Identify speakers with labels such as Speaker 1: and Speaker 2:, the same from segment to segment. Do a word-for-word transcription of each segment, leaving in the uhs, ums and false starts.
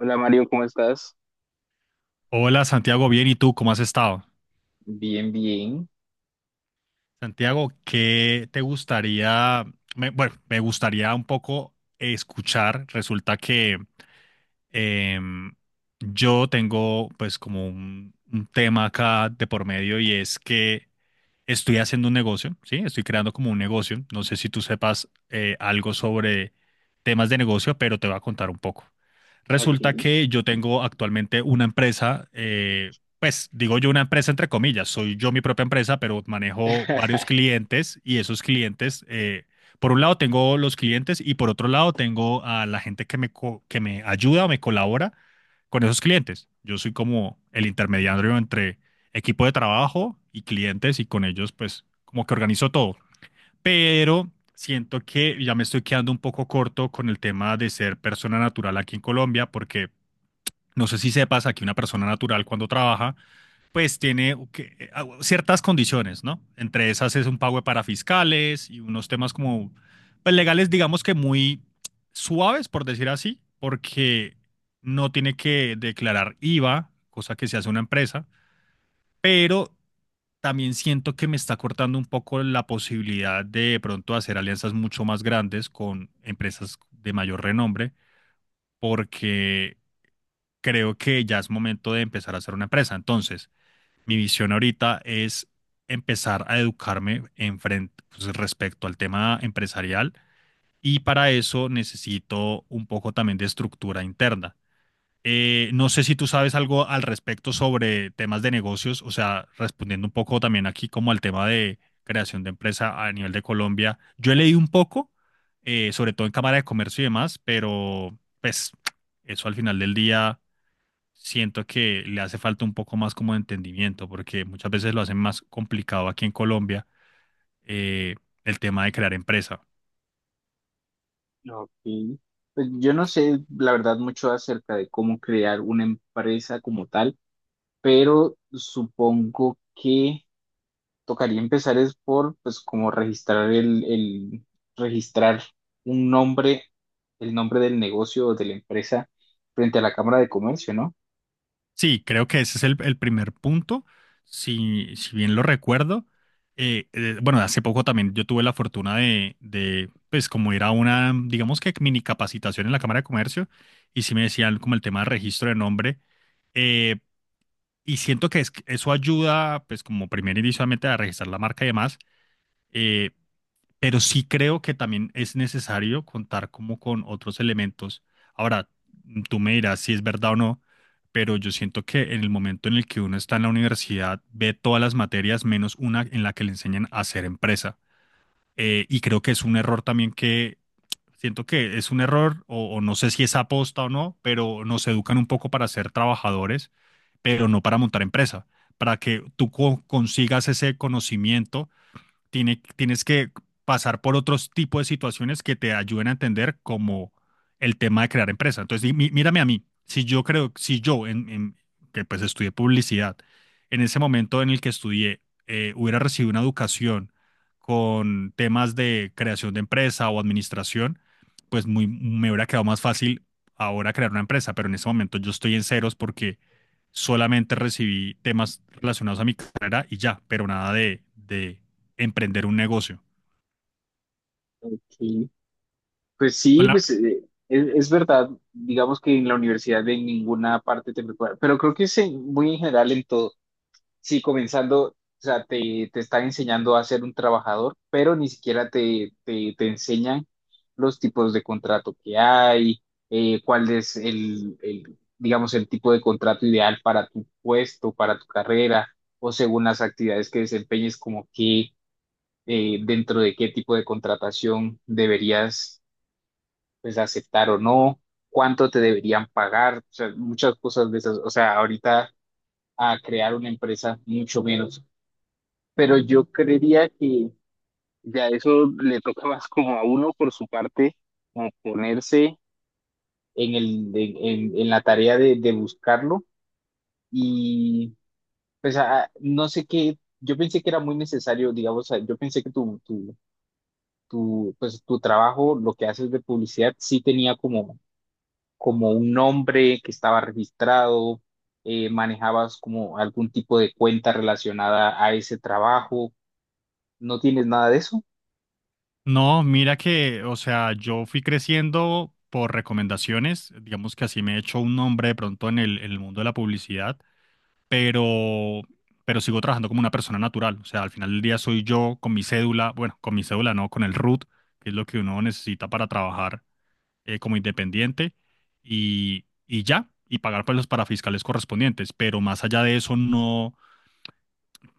Speaker 1: Hola Mario, ¿cómo estás?
Speaker 2: Hola Santiago, bien, ¿y tú cómo has estado?
Speaker 1: Bien, bien.
Speaker 2: Santiago, ¿qué te gustaría? Me- bueno, me gustaría un poco escuchar. Resulta que Em, yo tengo pues como un, un tema acá de por medio y es que estoy haciendo un negocio, ¿sí? Estoy creando como un negocio. No sé si tú sepas eh, algo sobre temas de negocio, pero te voy a contar un poco.
Speaker 1: Ok.
Speaker 2: Resulta que yo tengo actualmente una empresa, eh, pues digo yo una empresa entre comillas, soy yo mi propia empresa, pero manejo varios clientes y esos clientes eh, por un lado tengo los clientes y por otro lado tengo a la gente que me, co- que me ayuda o me colabora con esos clientes. Yo soy como el intermediario entre equipo de trabajo y clientes, y con ellos pues como que organizo todo. Pero siento que ya me estoy quedando un poco corto con el tema de ser persona natural aquí en Colombia, porque no sé si sepas, aquí una persona natural cuando trabaja pues tiene que, ciertas condiciones, ¿no? Entre esas es un pago para fiscales y unos temas como pues legales, digamos que muy suaves, por decir así, porque no tiene que declarar I V A, cosa que se hace una empresa, pero también siento que me está cortando un poco la posibilidad de, pronto hacer alianzas mucho más grandes con empresas de mayor renombre, porque creo que ya es momento de empezar a hacer una empresa. Entonces, mi visión ahorita es empezar a educarme en frente, pues, respecto al tema empresarial y para eso necesito un poco también de estructura interna. Eh, no sé si tú sabes algo al respecto sobre temas de negocios, o sea, respondiendo un poco también aquí como al tema de creación de empresa a nivel de Colombia. Yo he leído un poco, eh, sobre todo en Cámara de Comercio y demás, pero pues eso al final del día siento que le hace falta un poco más como de entendimiento, porque muchas veces lo hacen más complicado aquí en Colombia, eh, el tema de crear empresa.
Speaker 1: Ok. Pues yo no sé, la verdad, mucho acerca de cómo crear una empresa como tal, pero supongo que tocaría empezar es por, pues, como registrar el, el- registrar un nombre, el nombre del negocio o de la empresa frente a la Cámara de Comercio, ¿no?
Speaker 2: Sí, creo que ese es el, el primer punto, si, si bien lo recuerdo. Eh, eh, bueno, hace poco también yo tuve la fortuna de, de, pues, como ir a una, digamos que mini capacitación en la Cámara de Comercio, y sí me decían como el tema de registro de nombre, eh, y siento que es- eso ayuda, pues, como primer inicialmente a registrar la marca y demás, eh, pero sí creo que también es necesario contar como con otros elementos. Ahora, mm, tú me dirás si es verdad o no, pero yo siento que en el momento en el que uno está en la universidad, ve todas las materias menos una en la que le enseñan a hacer empresa. Eh, y creo que es un error también que, siento que es un error, o, o no sé si es aposta o no, pero nos educan un poco para ser trabajadores, pero no para montar empresa. Para que tú co- consigas ese conocimiento tiene- tienes que pasar por otros tipos de situaciones que te ayuden a entender como el tema de crear empresa. Entonces, di- mí- mírame a mí. Si yo creo, si yo, en, en- que pues estudié publicidad, en ese momento en el que estudié, eh, hubiera recibido una educación con temas de creación de empresa o administración, pues muy, me hubiera quedado más fácil ahora crear una empresa, pero en ese momento yo estoy en ceros porque solamente recibí temas relacionados a mi carrera y ya, pero nada de, de, emprender un negocio.
Speaker 1: Ok. Pues
Speaker 2: Con
Speaker 1: sí,
Speaker 2: la-
Speaker 1: pues, eh, es, es verdad, digamos que en la universidad de ninguna parte te prepara, pero creo que es en- muy en general en todo. Sí, comenzando, o sea, te, te están enseñando a ser un trabajador, pero ni siquiera te, te, te enseñan los tipos de contrato que hay, eh, cuál es el, el, digamos, el tipo de contrato ideal para tu puesto, para tu carrera, o según las actividades que desempeñes, como que eh, dentro de qué tipo de contratación deberías pues aceptar o no, cuánto te deberían pagar, o sea, muchas cosas de esas. O sea, ahorita a crear una empresa, mucho menos. Pero yo creería que ya eso le toca más como a uno por su parte, como ponerse en el, en, en- en la tarea de, de buscarlo. Y pues a- no sé qué, yo pensé que era muy necesario, digamos, o sea, yo pensé que tu, tu, tu, pues, tu trabajo, lo que haces de publicidad, sí tenía como como un nombre que estaba registrado, eh, manejabas como algún tipo de cuenta relacionada a ese trabajo. ¿No tienes nada de eso?
Speaker 2: No, mira que, o sea, yo fui creciendo por recomendaciones, digamos que así me he hecho un nombre de pronto en el, en el mundo de la publicidad, pero, pero sigo trabajando como una persona natural, o sea, al final del día soy yo con mi cédula, bueno, con mi cédula no, con el R U T, que es lo que uno necesita para trabajar eh, como independiente y, y ya, y pagar pues los parafiscales correspondientes, pero más allá de eso no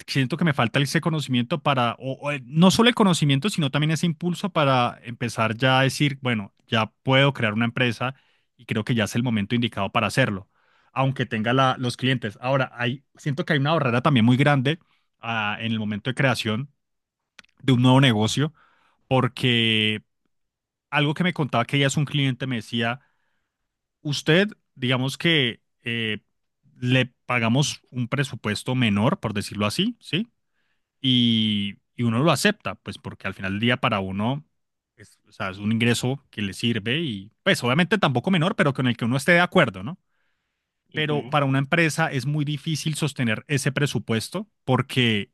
Speaker 2: siento que me falta ese conocimiento para, o, o, eh, no solo el conocimiento, sino también ese impulso para empezar ya a decir, bueno, ya puedo crear una empresa y creo que ya es el momento indicado para hacerlo, aunque tenga la- los clientes. Ahora, hay, siento que hay una barrera también muy grande ah, en el momento de creación de un nuevo negocio, porque algo que me contaba que ella es un cliente me decía, usted, digamos que eh, le pagamos un presupuesto menor, por decirlo así, ¿sí? Y, y uno lo acepta, pues porque al final del día para uno es, o sea, es un ingreso que le sirve y pues obviamente tampoco menor, pero con el que uno esté de acuerdo, ¿no? Pero
Speaker 1: Ujú.
Speaker 2: para una empresa es muy difícil sostener ese presupuesto porque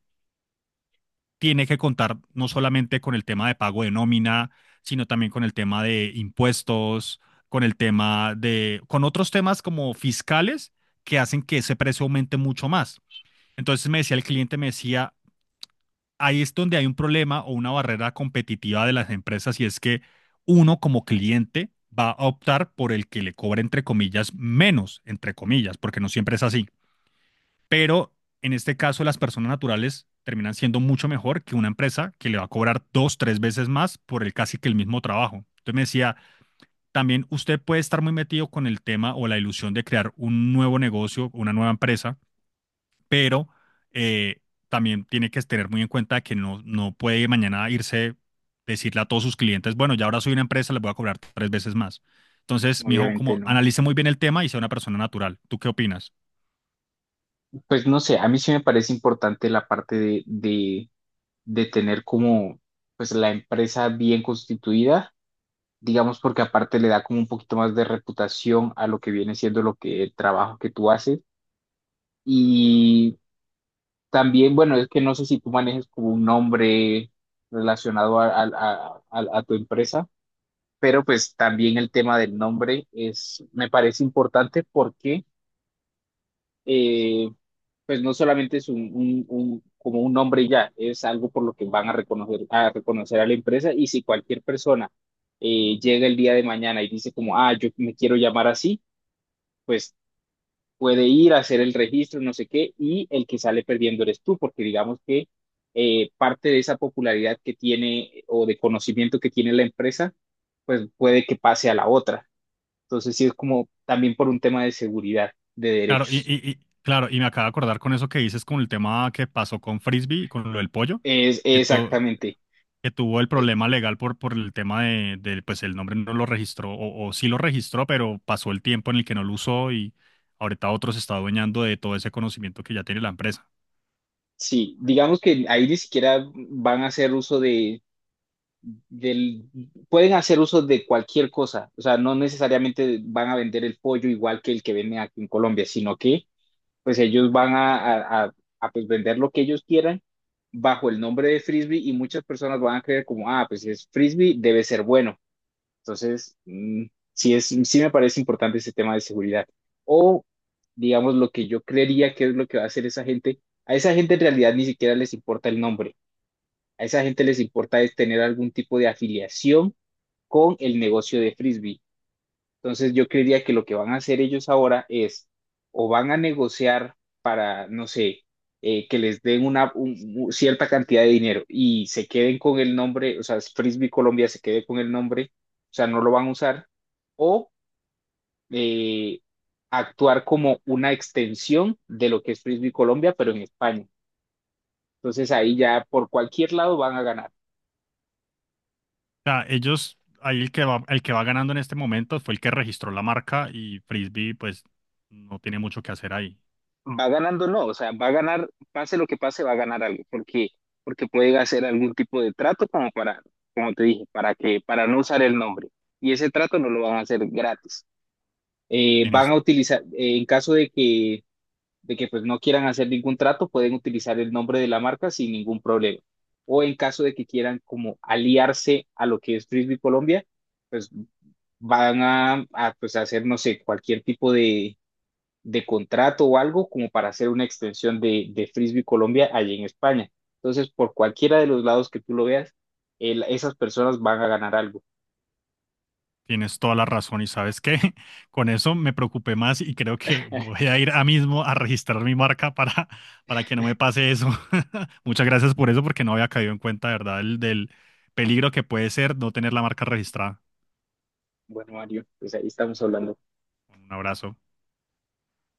Speaker 2: tiene que contar no solamente con el tema de pago de nómina, sino también con el tema de impuestos, con el tema de, con otros temas como fiscales que hacen que ese precio aumente mucho más. Entonces me decía el cliente, me decía, ahí es donde hay un problema o una barrera competitiva de las empresas y es que uno como cliente va a optar por el que le cobre entre comillas menos, entre comillas, porque no siempre es así. Pero en este caso las personas naturales terminan siendo mucho mejor que una empresa que le va a cobrar dos, tres veces más por el casi que el mismo trabajo. Entonces me decía, también usted puede estar muy metido con el tema o la ilusión de crear un nuevo negocio, una nueva empresa, pero eh, también tiene que tener muy en cuenta que no, no puede mañana irse, decirle a todos sus clientes, bueno, ya ahora soy una empresa, les voy a cobrar tres veces más. Entonces, me dijo,
Speaker 1: Obviamente
Speaker 2: como
Speaker 1: no.
Speaker 2: analice muy bien el tema y sea una persona natural. ¿Tú qué opinas?
Speaker 1: Pues no sé, a mí sí me parece importante la parte de, de, de tener como pues la empresa bien constituida, digamos porque aparte le da como un poquito más de reputación a lo que viene siendo lo que el trabajo que tú haces. Y también, bueno, es que no sé si tú manejes como un nombre relacionado a, a- a- a- tu empresa, pero pues también el tema del nombre es, me parece importante porque eh, pues no solamente es un, un- un- como un nombre y ya, es algo por lo que van a reconocer, a reconocer a la empresa. Y si cualquier persona eh, llega el día de mañana y dice como, ah, yo me quiero llamar así, pues puede ir a hacer el registro, no sé qué, y el que sale perdiendo eres tú, porque digamos que eh, parte de esa popularidad que tiene o de conocimiento que tiene la empresa, pues puede que pase a la otra. Entonces, sí es como también por un tema de seguridad, de
Speaker 2: Claro, y,
Speaker 1: derechos.
Speaker 2: y- y- claro, y me acabo de acordar con eso que dices con el tema que pasó con Frisbee, con lo del pollo,
Speaker 1: Es
Speaker 2: que, to-
Speaker 1: exactamente.
Speaker 2: que tuvo el
Speaker 1: Eh,
Speaker 2: problema legal por, por el tema de, de, pues el nombre no lo registró, o, o sí lo registró, pero pasó el tiempo en el que no lo usó, y ahorita otro se está adueñando de todo ese conocimiento que ya tiene la empresa.
Speaker 1: sí, digamos que ahí ni siquiera van a hacer uso de, del, pueden hacer uso de cualquier cosa, o sea, no necesariamente van a vender el pollo igual que el que venden aquí en Colombia, sino que pues ellos van a, a- a- a, pues vender lo que ellos quieran bajo el nombre de frisbee y muchas personas van a creer como, ah, pues si es frisbee debe ser bueno. Entonces, mm, sí es, sí me parece importante ese tema de seguridad. O, digamos, lo que yo creería que es lo que va a hacer esa gente, a esa gente en realidad ni siquiera les importa el nombre. A esa gente les importa es tener algún tipo de afiliación con el negocio de frisbee. Entonces yo creería que lo que van a hacer ellos ahora es o van a negociar para, no sé, eh, que les den una un- un- cierta cantidad de dinero y se queden con el nombre, o sea, Frisbee Colombia se quede con el nombre, o sea, no lo van a usar, o eh, actuar como una extensión de lo que es Frisbee Colombia, pero en España. Entonces ahí ya por cualquier lado van a ganar.
Speaker 2: O sea, ellos, ahí el que va, el que va ganando en este momento fue el que registró la marca y Frisbee, pues, no tiene mucho que hacer ahí.
Speaker 1: Va ganando, no, o sea, va a ganar, pase lo que pase, va a ganar algo, porque, porque puede hacer algún tipo de trato como para, como te dije, para que, para no usar el nombre. Y ese trato no lo van a hacer gratis. Eh, van
Speaker 2: tienes
Speaker 1: a utilizar, eh, en caso de que, de que pues no quieran hacer ningún trato, pueden utilizar el nombre de la marca sin ningún problema. O en caso de que quieran como aliarse a lo que es Frisbee Colombia, pues van a, a pues hacer, no sé, cualquier tipo de de contrato o algo como para hacer una extensión de, de Frisbee Colombia allí en España. Entonces, por cualquiera de los lados que tú lo veas, el- esas personas van a ganar algo.
Speaker 2: Tienes toda la razón y sabes qué, con eso me preocupé más y creo que voy a ir a mismo a registrar mi marca para, para que no me pase eso. Muchas gracias por eso porque no había caído en cuenta, de ¿verdad? El, del peligro que puede ser no tener la marca registrada.
Speaker 1: Bueno, Mario, pues ahí estamos hablando.
Speaker 2: Un abrazo.